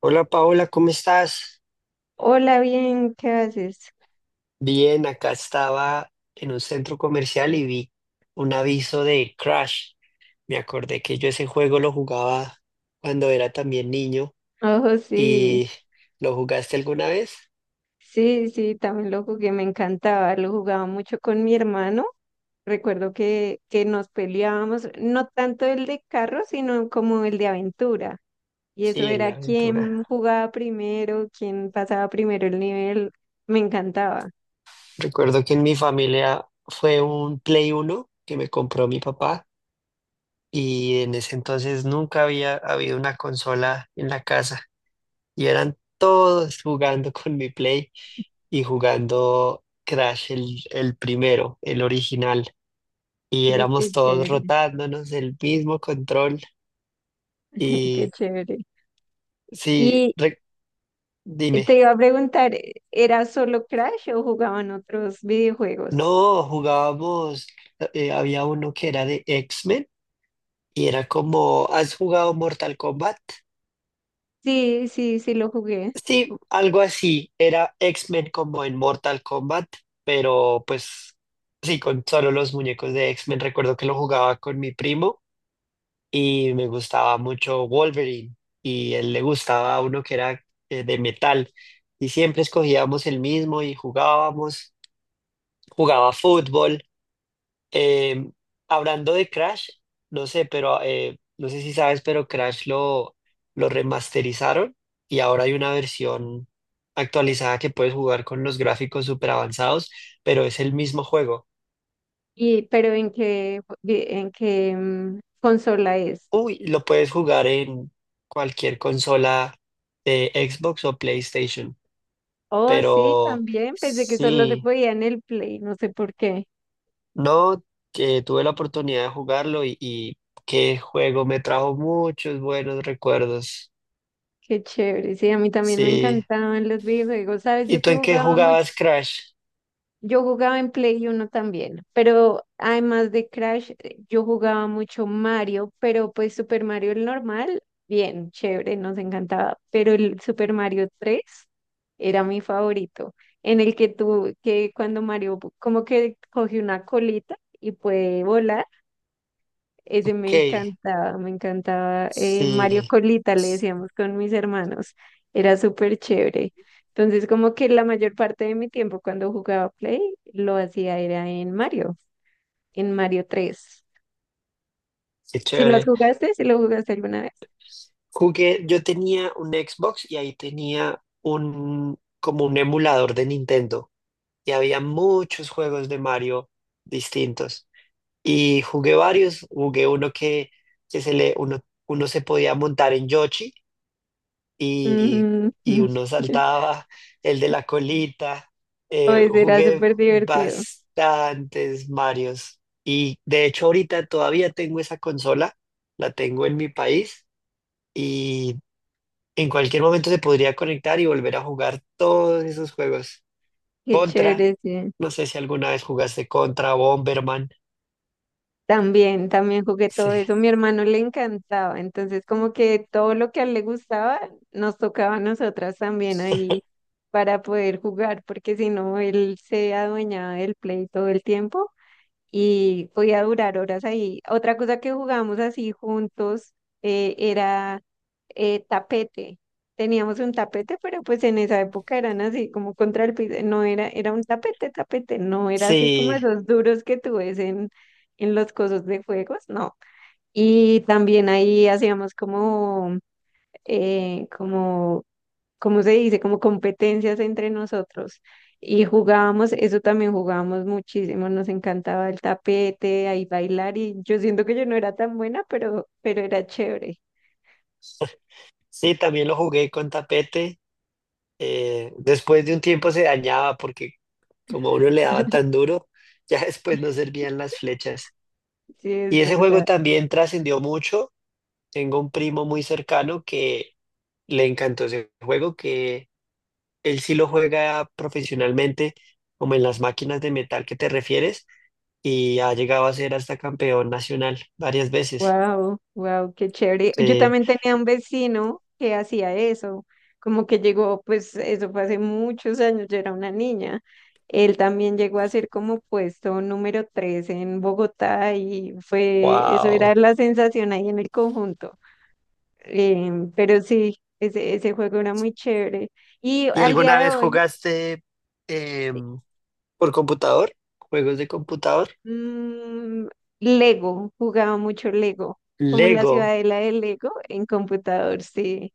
Hola Paola, ¿cómo estás? Hola, bien, ¿qué haces? Bien, acá estaba en un centro comercial y vi un aviso de Crash. Me acordé que yo ese juego lo jugaba cuando era también niño Oh, sí, y ¿lo jugaste alguna vez? sí, también lo jugué, me encantaba, lo jugaba mucho con mi hermano. Recuerdo que nos peleábamos, no tanto el de carro, sino como el de aventura. Y eso Sí, el de era aventura. quién jugaba primero, quién pasaba primero el nivel. Me encantaba. Recuerdo que en mi familia fue un Play Uno que me compró mi papá y en ese entonces nunca había habido una consola en la casa. Y eran todos jugando con mi Play y jugando Crash el primero, el original. Y Sí, éramos qué todos chévere, rotándonos el mismo control. qué Y chévere. sí, Y dime, te iba a preguntar, ¿era solo Crash o jugaban otros videojuegos? no, jugábamos, había uno que era de X-Men y era como, ¿has jugado Mortal Kombat? Sí, sí lo jugué. Sí, algo así, era X-Men como en Mortal Kombat, pero pues sí, con solo los muñecos de X-Men. Recuerdo que lo jugaba con mi primo y me gustaba mucho Wolverine y él le gustaba uno que era de metal y siempre escogíamos el mismo y jugábamos, jugaba fútbol. Eh, hablando de Crash, no sé, pero no sé si sabes, pero Crash lo remasterizaron y ahora hay una versión actualizada que puedes jugar con los gráficos súper avanzados, pero es el mismo juego. Y, pero ¿ en qué consola es? Uy, lo puedes jugar en cualquier consola de Xbox o PlayStation. Oh, sí, Pero también. Pensé que solo se sí, podía en el Play, no sé por qué. no, que tuve la oportunidad de jugarlo y qué juego me trajo muchos buenos recuerdos. Qué chévere. Sí, a mí también me Sí. encantaban los videojuegos. ¿Sabes? ¿Y Yo tú que en qué jugaba mucho. jugabas Crash? Yo jugaba en Play 1 también, pero además de Crash, yo jugaba mucho Mario, pero pues Super Mario el normal, bien, chévere, nos encantaba, pero el Super Mario 3 era mi favorito, en el que tú, que cuando Mario como que coge una colita y puede volar. Ese me Ok, encantaba, me encantaba. Mario sí, Colita le s- decíamos con mis hermanos, era súper chévere. Entonces, como que la mayor parte de mi tiempo cuando jugaba Play lo hacía era en Mario, en Mario 3. qué ¿Si lo chévere. jugaste? ¿Si lo jugaste alguna vez? Jugué, yo tenía un Xbox y ahí tenía un, como un emulador de Nintendo y había muchos juegos de Mario distintos. Y jugué varios, jugué uno que, que se le, uno, uno se podía montar en Yoshi y, Ujú. y uno saltaba, el de la colita. Pues era Jugué súper divertido. bastantes Marios. Y de hecho ahorita todavía tengo esa consola, la tengo en mi país y en cualquier momento se podría conectar y volver a jugar todos esos juegos. Qué Contra, chévere, sí. no sé si alguna vez jugaste Contra, Bomberman. También, también jugué Sí, todo eso. Mi hermano le encantaba, entonces como que todo lo que a él le gustaba nos tocaba a nosotras también ahí para poder jugar, porque si no, él se adueñaba del play todo el tiempo y podía durar horas ahí. Otra cosa que jugábamos así juntos era tapete. Teníamos un tapete, pero pues en esa época eran así como contra el piso, no era, era un tapete, tapete, no era así como sí. esos duros que tú ves en los cosos de juegos, no. Y también ahí hacíamos como ¿cómo se dice? Como competencias entre nosotros. Y jugábamos, eso también jugábamos muchísimo, nos encantaba el tapete, ahí bailar y yo siento que yo no era tan buena, pero era chévere. Sí, también lo jugué con tapete. Después de un tiempo se dañaba porque como uno le daba tan duro, ya después no servían las flechas. Sí, Y es ese juego verdad. también trascendió mucho. Tengo un primo muy cercano que le encantó ese juego, que él sí lo juega profesionalmente, como en las máquinas de metal que te refieres, y ha llegado a ser hasta campeón nacional varias veces. Wow, wow, qué chévere. Yo Sí, también tenía un vecino que hacía eso, como que llegó, pues eso fue hace muchos años, yo era una niña. Él también llegó a ser como puesto número 3 en Bogotá y fue, eso wow. era la sensación ahí en el conjunto. Pero sí, ese juego era muy chévere. Y ¿Y al día alguna de vez hoy, jugaste? em, por computador, juegos de computador. mm, Lego, jugaba mucho Lego, como la Lego, ciudadela de Lego en computador, sí.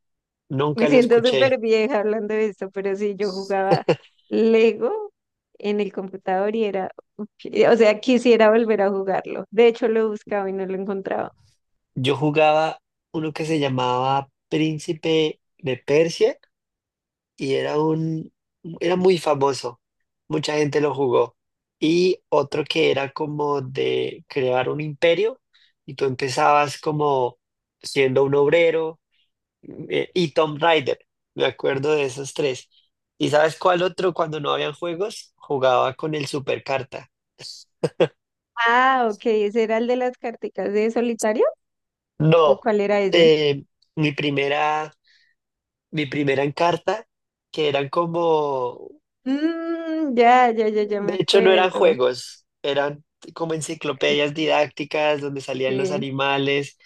Me nunca lo siento súper escuché. vieja hablando de esto, pero sí, yo jugaba Lego en el computador y era, ok, o sea, quisiera volver a jugarlo. De hecho, lo buscaba y no lo encontraba. Yo jugaba uno que se llamaba Príncipe de Persia y era era muy famoso. Mucha gente lo jugó. Y otro que era como de crear un imperio y tú empezabas como siendo un obrero y Tom Raider. Me acuerdo de esos tres. ¿Y sabes cuál otro cuando no habían juegos? Jugaba con el Supercarta. Ah, ok, ¿ese era el de las carticas de solitario? ¿O No, cuál era ese? eh, mi primera, mi primera Encarta, que eran como, Mm, ya me de hecho no eran acuerdo. juegos, eran como enciclopedias didácticas donde salían los Sí, animales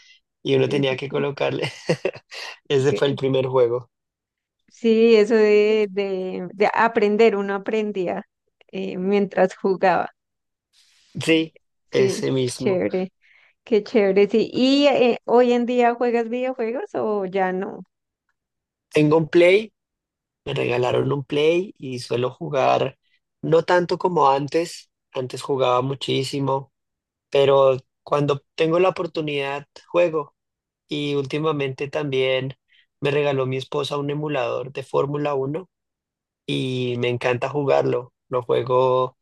y uno sí, tenía sí, que sí. colocarle. Ese fue el Que- primer juego. sí, eso de aprender, uno aprendía mientras jugaba. Sí, Sí, ese mismo. chévere, qué chévere. Sí. ¿Y hoy en día juegas videojuegos o ya no? Tengo un Play, me regalaron un Play y suelo jugar, no tanto como antes, antes jugaba muchísimo, pero cuando tengo la oportunidad juego. Y últimamente también me regaló mi esposa un emulador de Fórmula uno y me encanta jugarlo. Lo juego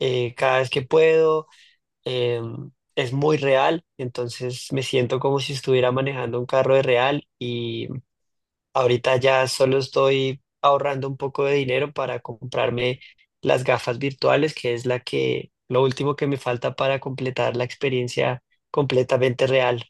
cada vez que puedo, eh, es muy real, entonces me siento como si estuviera manejando un carro de real y ahorita ya solo estoy ahorrando un poco de dinero para comprarme las gafas virtuales, que es la que, lo último que me falta para completar la experiencia completamente real.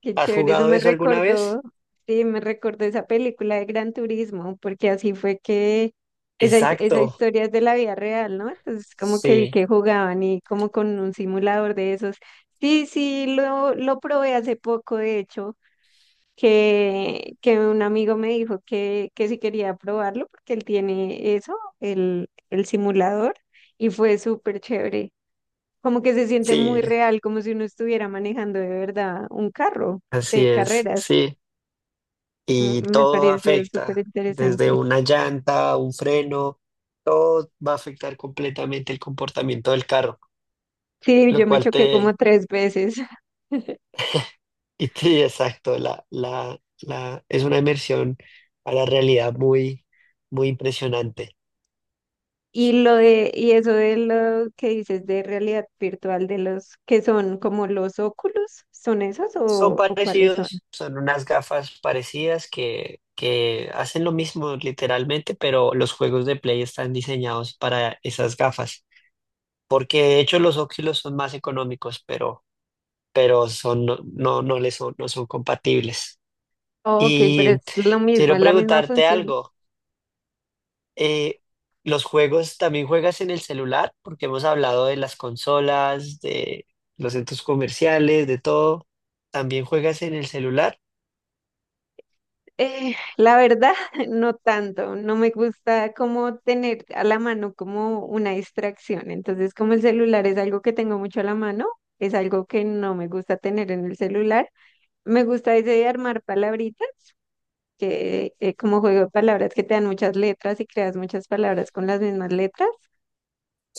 Qué ¿Has chévere, eso jugado me eso alguna vez? recordó, sí, me recordó esa película de Gran Turismo, porque así fue que esa, esa Exacto. historia es de la vida real, ¿no? Entonces como que vi Sí, que jugaban y como con un simulador de esos. Sí, sí, lo probé hace poco, de hecho, que un amigo me dijo que si quería probarlo, porque él tiene eso, el simulador, y fue súper chévere como que se siente muy sí, real, como si uno estuviera manejando de verdad un carro así de es, carreras. sí. Y Mm, me todo pareció súper afecta, desde interesante. una llanta, un freno, todo va a afectar completamente el comportamiento del carro, Sí, lo yo me cual choqué como tres veces. y te, exacto, es una inmersión a la realidad muy, muy impresionante. Y lo de, y eso de lo que dices de realidad virtual, de los que son como los óculos, ¿son esos Son o cuáles son? parecidos, son unas gafas parecidas que hacen lo mismo literalmente, pero los juegos de Play están diseñados para esas gafas. Porque de hecho los óxidos son más económicos, pero son, no, no les son, no son compatibles. Ok, pero es Y lo mismo, quiero es la misma preguntarte función. algo. eh, ¿Los juegos también juegas en el celular? Porque hemos hablado de las consolas, de los centros comerciales, de todo. ¿También juegas en el celular? La verdad, no tanto, no me gusta como tener a la mano como una distracción. Entonces, como el celular es algo que tengo mucho a la mano, es algo que no me gusta tener en el celular. Me gusta ese de armar palabritas, que como juego de palabras que te dan muchas letras y creas muchas palabras con las mismas letras.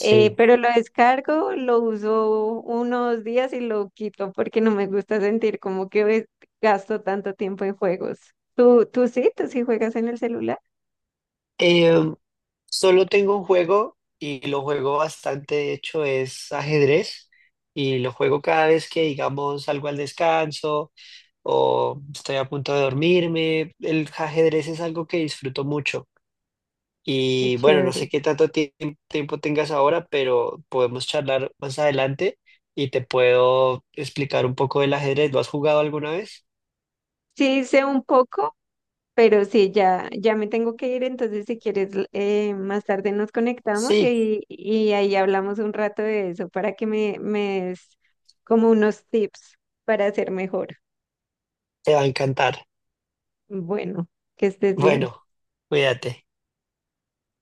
Pero lo descargo, lo uso unos días y lo quito porque no me gusta sentir como que gasto tanto tiempo en juegos. Tú sí? ¿Tú sí juegas en el celular? Solo tengo un juego y lo juego bastante, de hecho, es ajedrez y lo juego cada vez que, digamos, salgo al descanso o estoy a punto de dormirme. El ajedrez es algo que disfruto mucho Qué y bueno, no sé chévere. qué tanto tiempo tengas ahora, pero podemos charlar más adelante y te puedo explicar un poco del ajedrez. ¿Lo has jugado alguna vez? Sí, sé un poco, pero sí, ya me tengo que ir, entonces si quieres, más tarde nos conectamos Sí, y ahí hablamos un rato de eso para que me des como unos tips para ser mejor. te va a encantar. Bueno, que estés bien. Bueno, cuídate.